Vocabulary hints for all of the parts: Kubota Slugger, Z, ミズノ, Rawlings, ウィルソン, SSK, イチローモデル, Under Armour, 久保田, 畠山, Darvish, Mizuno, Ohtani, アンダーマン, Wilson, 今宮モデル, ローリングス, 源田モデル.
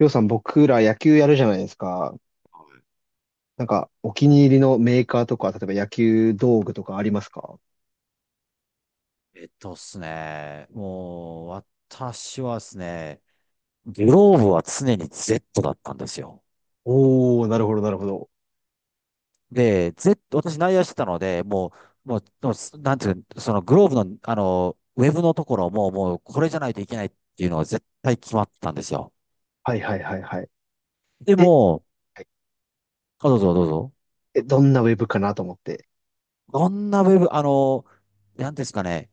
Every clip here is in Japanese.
りょうさん、僕ら野球やるじゃないですか。なんか、お気に入りのメーカーとか、例えば野球道具とかありますか？えっとっすね、もう、私はですね、グローブは常に Z だったんですよ。おー、なるほど、なるほど。で、Z、私内野してたので、もう、もう、もうなんていうの、そのグローブの、ウェブのところも、これじゃないといけないっていうのは絶対決まってたんですよ。はいはいはいはい。でえ、も、はい。あ、どうぞどうぞ。え、どんなウェブかなと思って。どんなウェブ、なんですかね、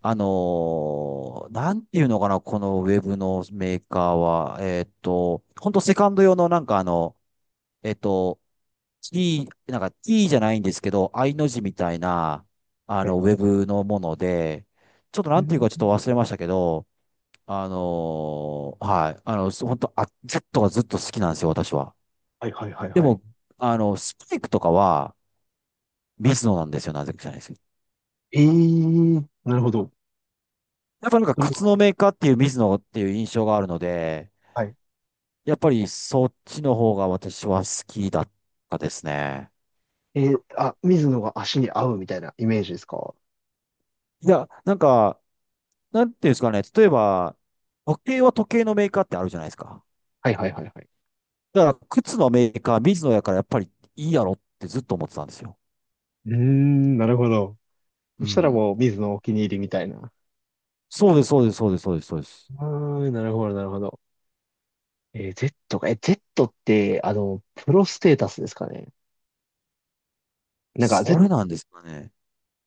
なんていうのかな、このウェブのメーカーは、本当セカンド用のえっと、T、T じゃないんですけど、I の字みたいな、はい。ウェブのもので、ちょっとうなんていうかちょっとん。忘れましたけど、はい、本当、あ、ずっと好きなんですよ、私は。はいはいはいではい。も、スパイクとかは、ミズノなんですよ、なぜか知らないですけど。えー、なるほど。やっぱなんか、それカツは、のメーカーっていうミズノっていう印象があるので、はい。やっぱりそっちの方が私は好きだったですね。えーあ、水野が足に合うみたいなイメージですか？いや、なんか、なんていうんですかね、例えば、時計は時計のメーカーってあるじゃないですか。はいはいはいはい。だから、靴のメーカー、水野やからやっぱりいいやろってずっと思ってたんですよ。うーん、なるほど。うそしたらん。もう、水のお気に入りみたいな。そうです、そうです、そうです、そうです、そうです。あー、なるほど、なるほど。えー Z か。え、Z って、プロステータスですかね。なんか、そ Z、れなんですかね。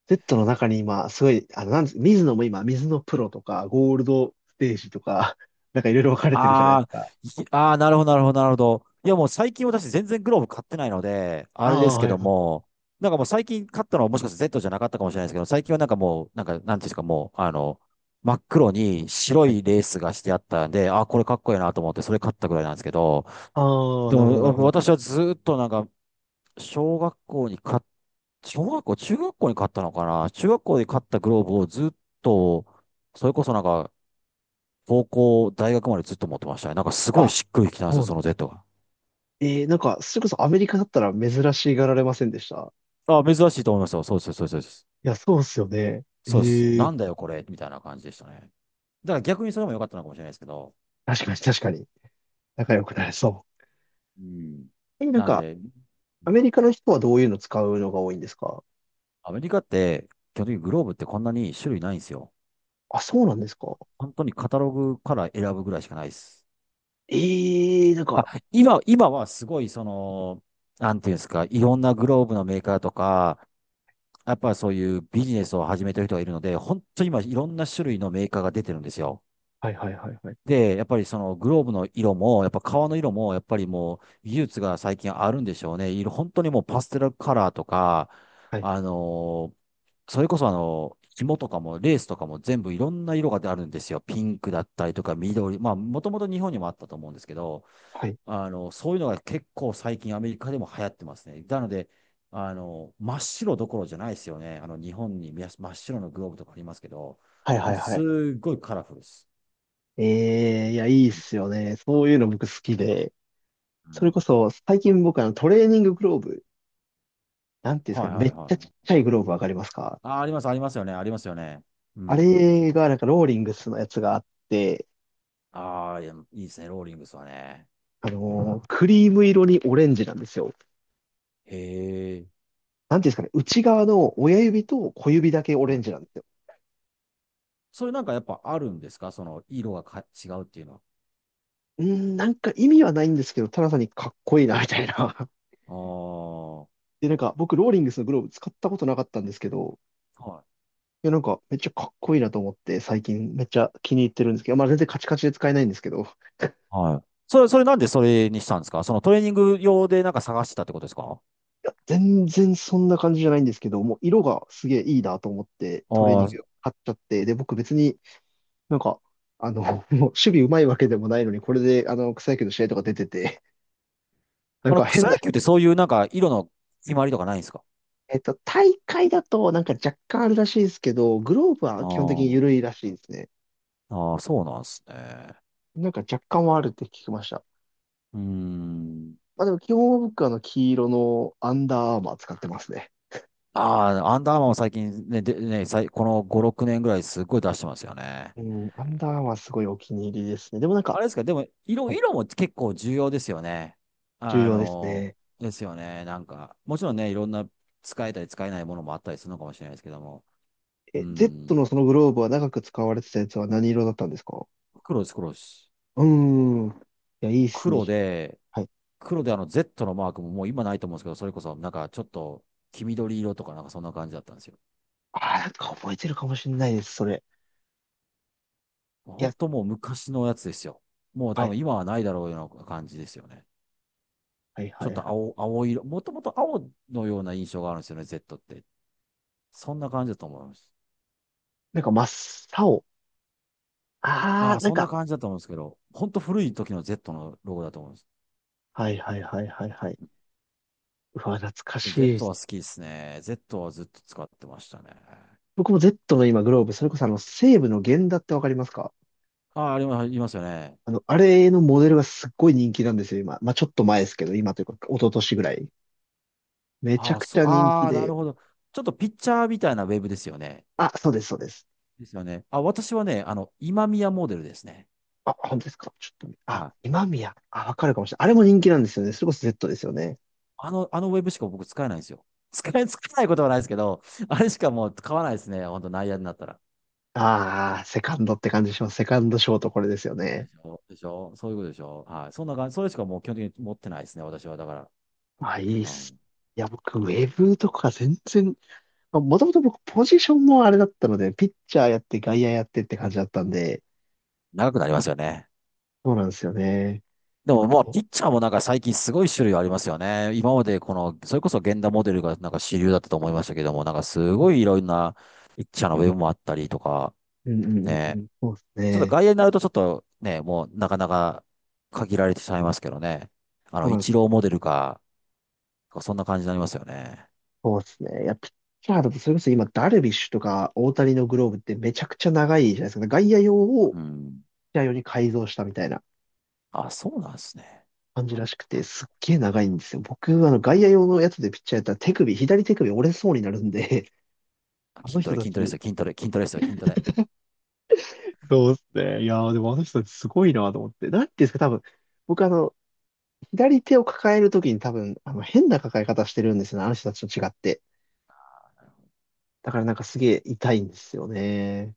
Z の中に今、すごい、なんです、水野も今、水野プロとか、ゴールドステージとか、なんかいろいろ分かれてるじゃないですああ、か。いああ、なるほど、なるほど、なるほど。いや、もう最近私全然グローブ買ってないので、ああれであ、すけはいどはい。も、なんかもう最近買ったのはもしかして Z じゃなかったかもしれないですけど、最近はなんかもう、なんか、なんていうんですか、もう、あの、真っ黒に白はい。いレースがしてあったんで、あーこれかっこいいなと思って、それ買ったぐらいなんですけど、ああ、でなるほど、なるも、ほど。私はずっとなんか、小学校に買っ、小学校、中学校に買ったのかな中学校で買ったグローブをずっと、それこそなんか、高校、大学までずっと持ってましたね。なんかすごいあ、しっくりきたんですそよ、うなそん。の Z が。えー、なんか、それこそアメリカだったら珍しがられませんでした？あ、珍しいと思いますよ。そうです、そうです、そうです。いや、そうっすよね。そうです。えなえ。んだよ、これ、みたいな感じでしたね。だから逆にそれも良かったのかもしれないですけど。確かに確かに。仲良くなれそう。うん。え、なんなんか、で、うアメん。リカの人はどういうの使うのが多いんですか？アメリカって、基本的にグローブってこんなに種類ないんですよ。あ、そうなんですか？本当にカタログから選ぶぐらいしかないです。ええなんあ、か、今はすごい、その、なんていうんですか、いろんなグローブのメーカーとか、やっぱそういうビジネスを始めてる人がいるので、本当に今、いろんな種類のメーカーが出てるんですよ。はいはいはいはい。で、やっぱりそのグローブの色も、やっぱ革の色も、やっぱりもう、技術が最近あるんでしょうね。色、本当にもうパステルカラーとか、はい、あのーそれこそ紐とかもレースとかも全部いろんな色があるんですよ。ピンクだったりとか緑。まあ、もともと日本にもあったと思うんですけど、はい、そういうのが結構最近アメリカでも流行ってますね。なので、真っ白どころじゃないですよね。日本にみや真っ白のグローブとかありますけど、はいもはういはすい。っごいカラフルです。ええいや、いいっすよね。そういうの僕好きで。うそれん。こそ、最近僕トレーニンググローブ、なんていうんですかはね、いはめいっちはゃちっい。ちゃいグローブわかりますか？あ、あります、ありますよね、ありますよね。うあん。れがなんかローリングスのやつがあって、ああ、いや、いいですね、ローリングスはね。クリーム色にオレンジなんですよ。へえ。なんていうんですかね、内側の親指と小指だけオレはンジい。なんですよ。それなんかやっぱあるんですか、その、色が違うっていうのは。うーん、なんか意味はないんですけど、ただ単にかっこいいな、みたいな。あで、なんか僕、ローリングスのグローブ使ったことなかったんですけど、あ。はい。いや、なんかめっちゃかっこいいなと思って、最近めっちゃ気に入ってるんですけど、まあ全然カチカチで使えないんですけど、いはい。それなんでそれにしたんですか？そのトレーニング用でなんか探してたってことですか？や、全然そんな感じじゃないんですけど、もう色がすげえいいなと思って、あトレーニンあグー、買っちゃって、で、僕別になんか、あの、もう守備うまいわけでもないのに、これで、草野球の試合とか出てて、なんか変草な、野球ってそういうなんか色の決まりとかないんですか？大会だとなんか若干あるらしいですけど、グローブあは基本的にー緩いらしいですね。あー、そうなんですね。なんか若干はあるって聞きました。うーん。まあでも基本は僕は黄色のアンダーアーマー使ってますね。ああ、アンダーマンも最近ね、で、ね、さいこの5、6年ぐらいすっごい出してますよね。うん、アンダーアーマーすごいお気に入りですね。でもなんあか、れですか、でも、色、はい、色も結構重要ですよね。重あ要ですの、ね。ですよね。なんか、もちろんね、いろんな使えたり使えないものもあったりするのかもしれないですけども。うえ、Z ん。のそのグローブは長く使われてたやつは何色だったんですか？黒です、黒です。うーん。いや、いいっすね。黒で、はい。黒でZ のマークももう今ないと思うんですけど、それこそなんかちょっと黄緑色とかなんかそんな感じだったんですよ。ああ、なんか覚えてるかもしれないです、それ。い本や、当もう昔のやつですよ。もうは多い、分今はないだろうような感じですよね。はい、はちょい、っはとい。青色、もともと青のような印象があるんですよね、Z って。そんな感じだと思います。なんか真っ青。あああ、あ、なんそんなか、感じだと思うんですけど、本当古い時の Z のロゴだと思うんです。はい、はい、はい、はい、はい。うわ、懐か Z しい。は好きですね。Z はずっと使ってましたね。僕も Z の今グローブ、それこそ西武の源田ってわかりますか？ああ、ありますありますよね。あれのモデルがすっごい人気なんですよ、今。まあ、ちょっと前ですけど、今というか、一昨年ぐらい。めちゃああ、くちそう、ゃ人気ああ、なるで。ほど。ちょっとピッチャーみたいなウェブですよね。あ、そうです、そうです。ですよね。あ、私はね、今宮モデルですね。あ、本当ですか？ちょっと、あ、はい。今宮。あ、わかるかもしれない。あれも人気なんですよね。それこそ Z ですよね。あのウェブしか僕使えないんですよ。使えないことはないですけど、あれしかもう買わないですね。本当内野になったら。ああ、セカンドって感じします。セカンドショートこれですよでね。しょでしょそういうことでしょはい。そんな感じ。それしかもう基本的に持ってないですね。私は。だから、あ、いいっうす。ん。いや、僕、ウェブとか全然、まあ、もともと僕、ポジションもあれだったので、ピッチャーやって、外野やってって感じだったんで、長くなりますよね。そうなんですよね。でももう、お。ピッチャーもなんか最近すごい種類ありますよね。今までこの、それこそ源田モデルがなんか主流だったと思いましたけども、なんかすうんごいいろんなピッチャーのウェブもあったりとか、うんうんうね。ん、そうですちょっとね。外野になるとちょっとね、もうなかなか限られてしまいますけどね。そうなイんでチす。ローモデルか、そんな感じになりますよね。そうですね。いや、ピッチャーだと、それこそ今、ダルビッシュとか大谷のグローブってめちゃくちゃ長いじゃないですか。外野用をピッうん。チャー用に改造したみたいなあ、そうなんですね。感じらしくて、すっげえ長いんですよ。僕、外野用のやつでピッチャーやったら手首、左手首折れそうになるんで、ああの筋ト人レ、た筋トレですち、よ、筋トレ、筋トレですよ、筋トレ。そうですね。いやー、でもあの人たちすごいなと思って。なんていうんですか、多分、僕左手を抱えるときに多分、変な抱え方してるんですよね。あの人たちと違って。だからなんかすげえ痛いんですよね。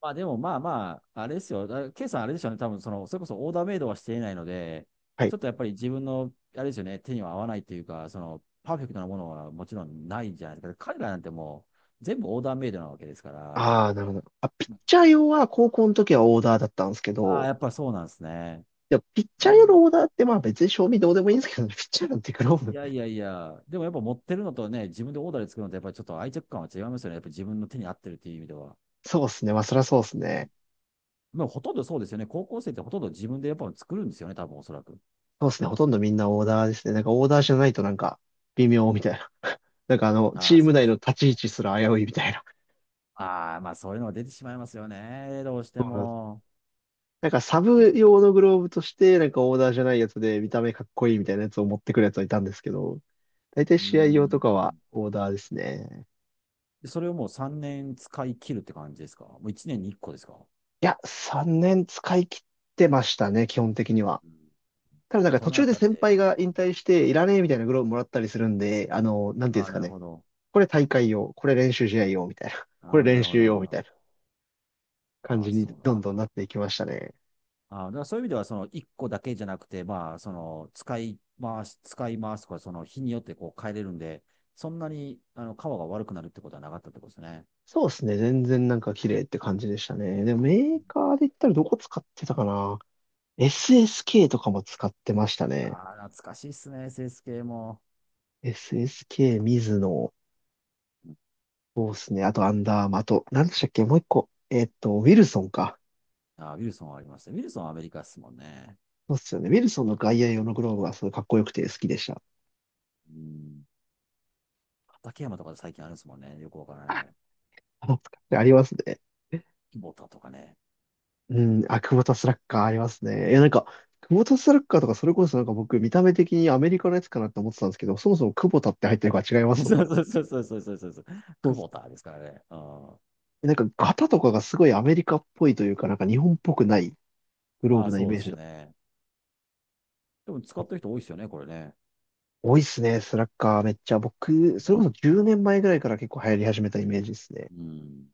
まあでもまあまあ、あれですよ。K さんあれでしょうね。多分その、それこそオーダーメイドはしていないので、はちい。ょっとやっぱり自分の、あれですよね、手には合わないというか、その、パーフェクトなものはもちろんないじゃないですか。彼らなんてもう、全部オーダーメイドなわけですから、ああ、なるほど。あ、ピッチャー用は高校の時はオーダーだったんですけああ、ど、やっぱりそうなんですね。でもピッうチャー用ん。のオーダーってまあ別に賞味どうでもいいんですけどね、ピッチャーなんてグローいブ。やいやいや、でもやっぱ持ってるのとね、自分でオーダーで作るのとやっぱりちょっと愛着感は違いますよね。やっぱり自分の手に合ってるっていう意味では。そうですね。まあそりゃそうですうん。ね。まあほとんどそうですよね。高校生ってほとんど自分でやっぱ作るんですよね、多分おそらく。そうですね。ほとんどみんなオーダーですね。なんかオーダーじゃないとなんか微妙みたいな。なんかあチあ、ームそうで内すのよ。立ち位置すら危ういみたいな。ああ、まあそういうのが出てしまいますよね。どうしてそうなんです。も。なんかサうブん。用のグローブとして、なんかオーダーじゃないやつで見た目かっこいいみたいなやつを持ってくるやつはいたんですけど、大体う試合用とかはん。オーダーですね。でそれをもう3年使い切るって感じですか？もう1年に1個ですか？いや、3年使い切ってましたね、基本的には。うん。ただなんかそ途の中あでたっ先輩て、が引退していらねえみたいなグローブもらったりするんで、なんていうあんであ、すなかるね。ほど。これ大会用、これ練習試合用みたいな、これああ、な練るほど、習なる用ほみたど。いな感ああ、じにそうなんでどんす。どんなっていきましたね。あーだからそういう意味では、その一個だけじゃなくて、まあ、その使い回すとか、その日によってこう変えれるんで、そんなに皮が悪くなるってことはなかったってことですね。そうですね、全然なんか綺麗って感じでしたね。でもメーカーで言ったらどこ使ってたかな？ SSK とかも使ってましたね。ああ、懐かしいっすね、セ s 系も。SSK、ミズノ、そうですね、あとアンダーマーあと、なんでしたっけ、もう一個、ウィルソンか。あーウィルソンはありましたね。ウィルソンはアメリカっすもんね。そうっすよね。ウィルソンの外野用のグローブはすごいかっこよくて好きでした。うん。畠山とか最近あるんですもんね。よくわからない。あ、使ってありますね。久保田とかね。うん、あ、クボタスラッガーありますね。いや、なんか、クボタスラッガーとかそれこそなんか僕見た目的にアメリカのやつかなって思ってたんですけど、そもそもクボタって入ってるから違いま そすもん。うそうそうそうそうそうそうそう。そう久っす。保田ですからね。うん。なんか型とかがすごいアメリカっぽいというか、なんか日本っぽくないグローまブあなイそうメーでジすだ。ね。でも使ってる人多いですよね、これね。多いっすね、スラッガーめっちゃ。う僕、それこん。そ10年前ぐらいから結構流行り始めたイメージですね。うん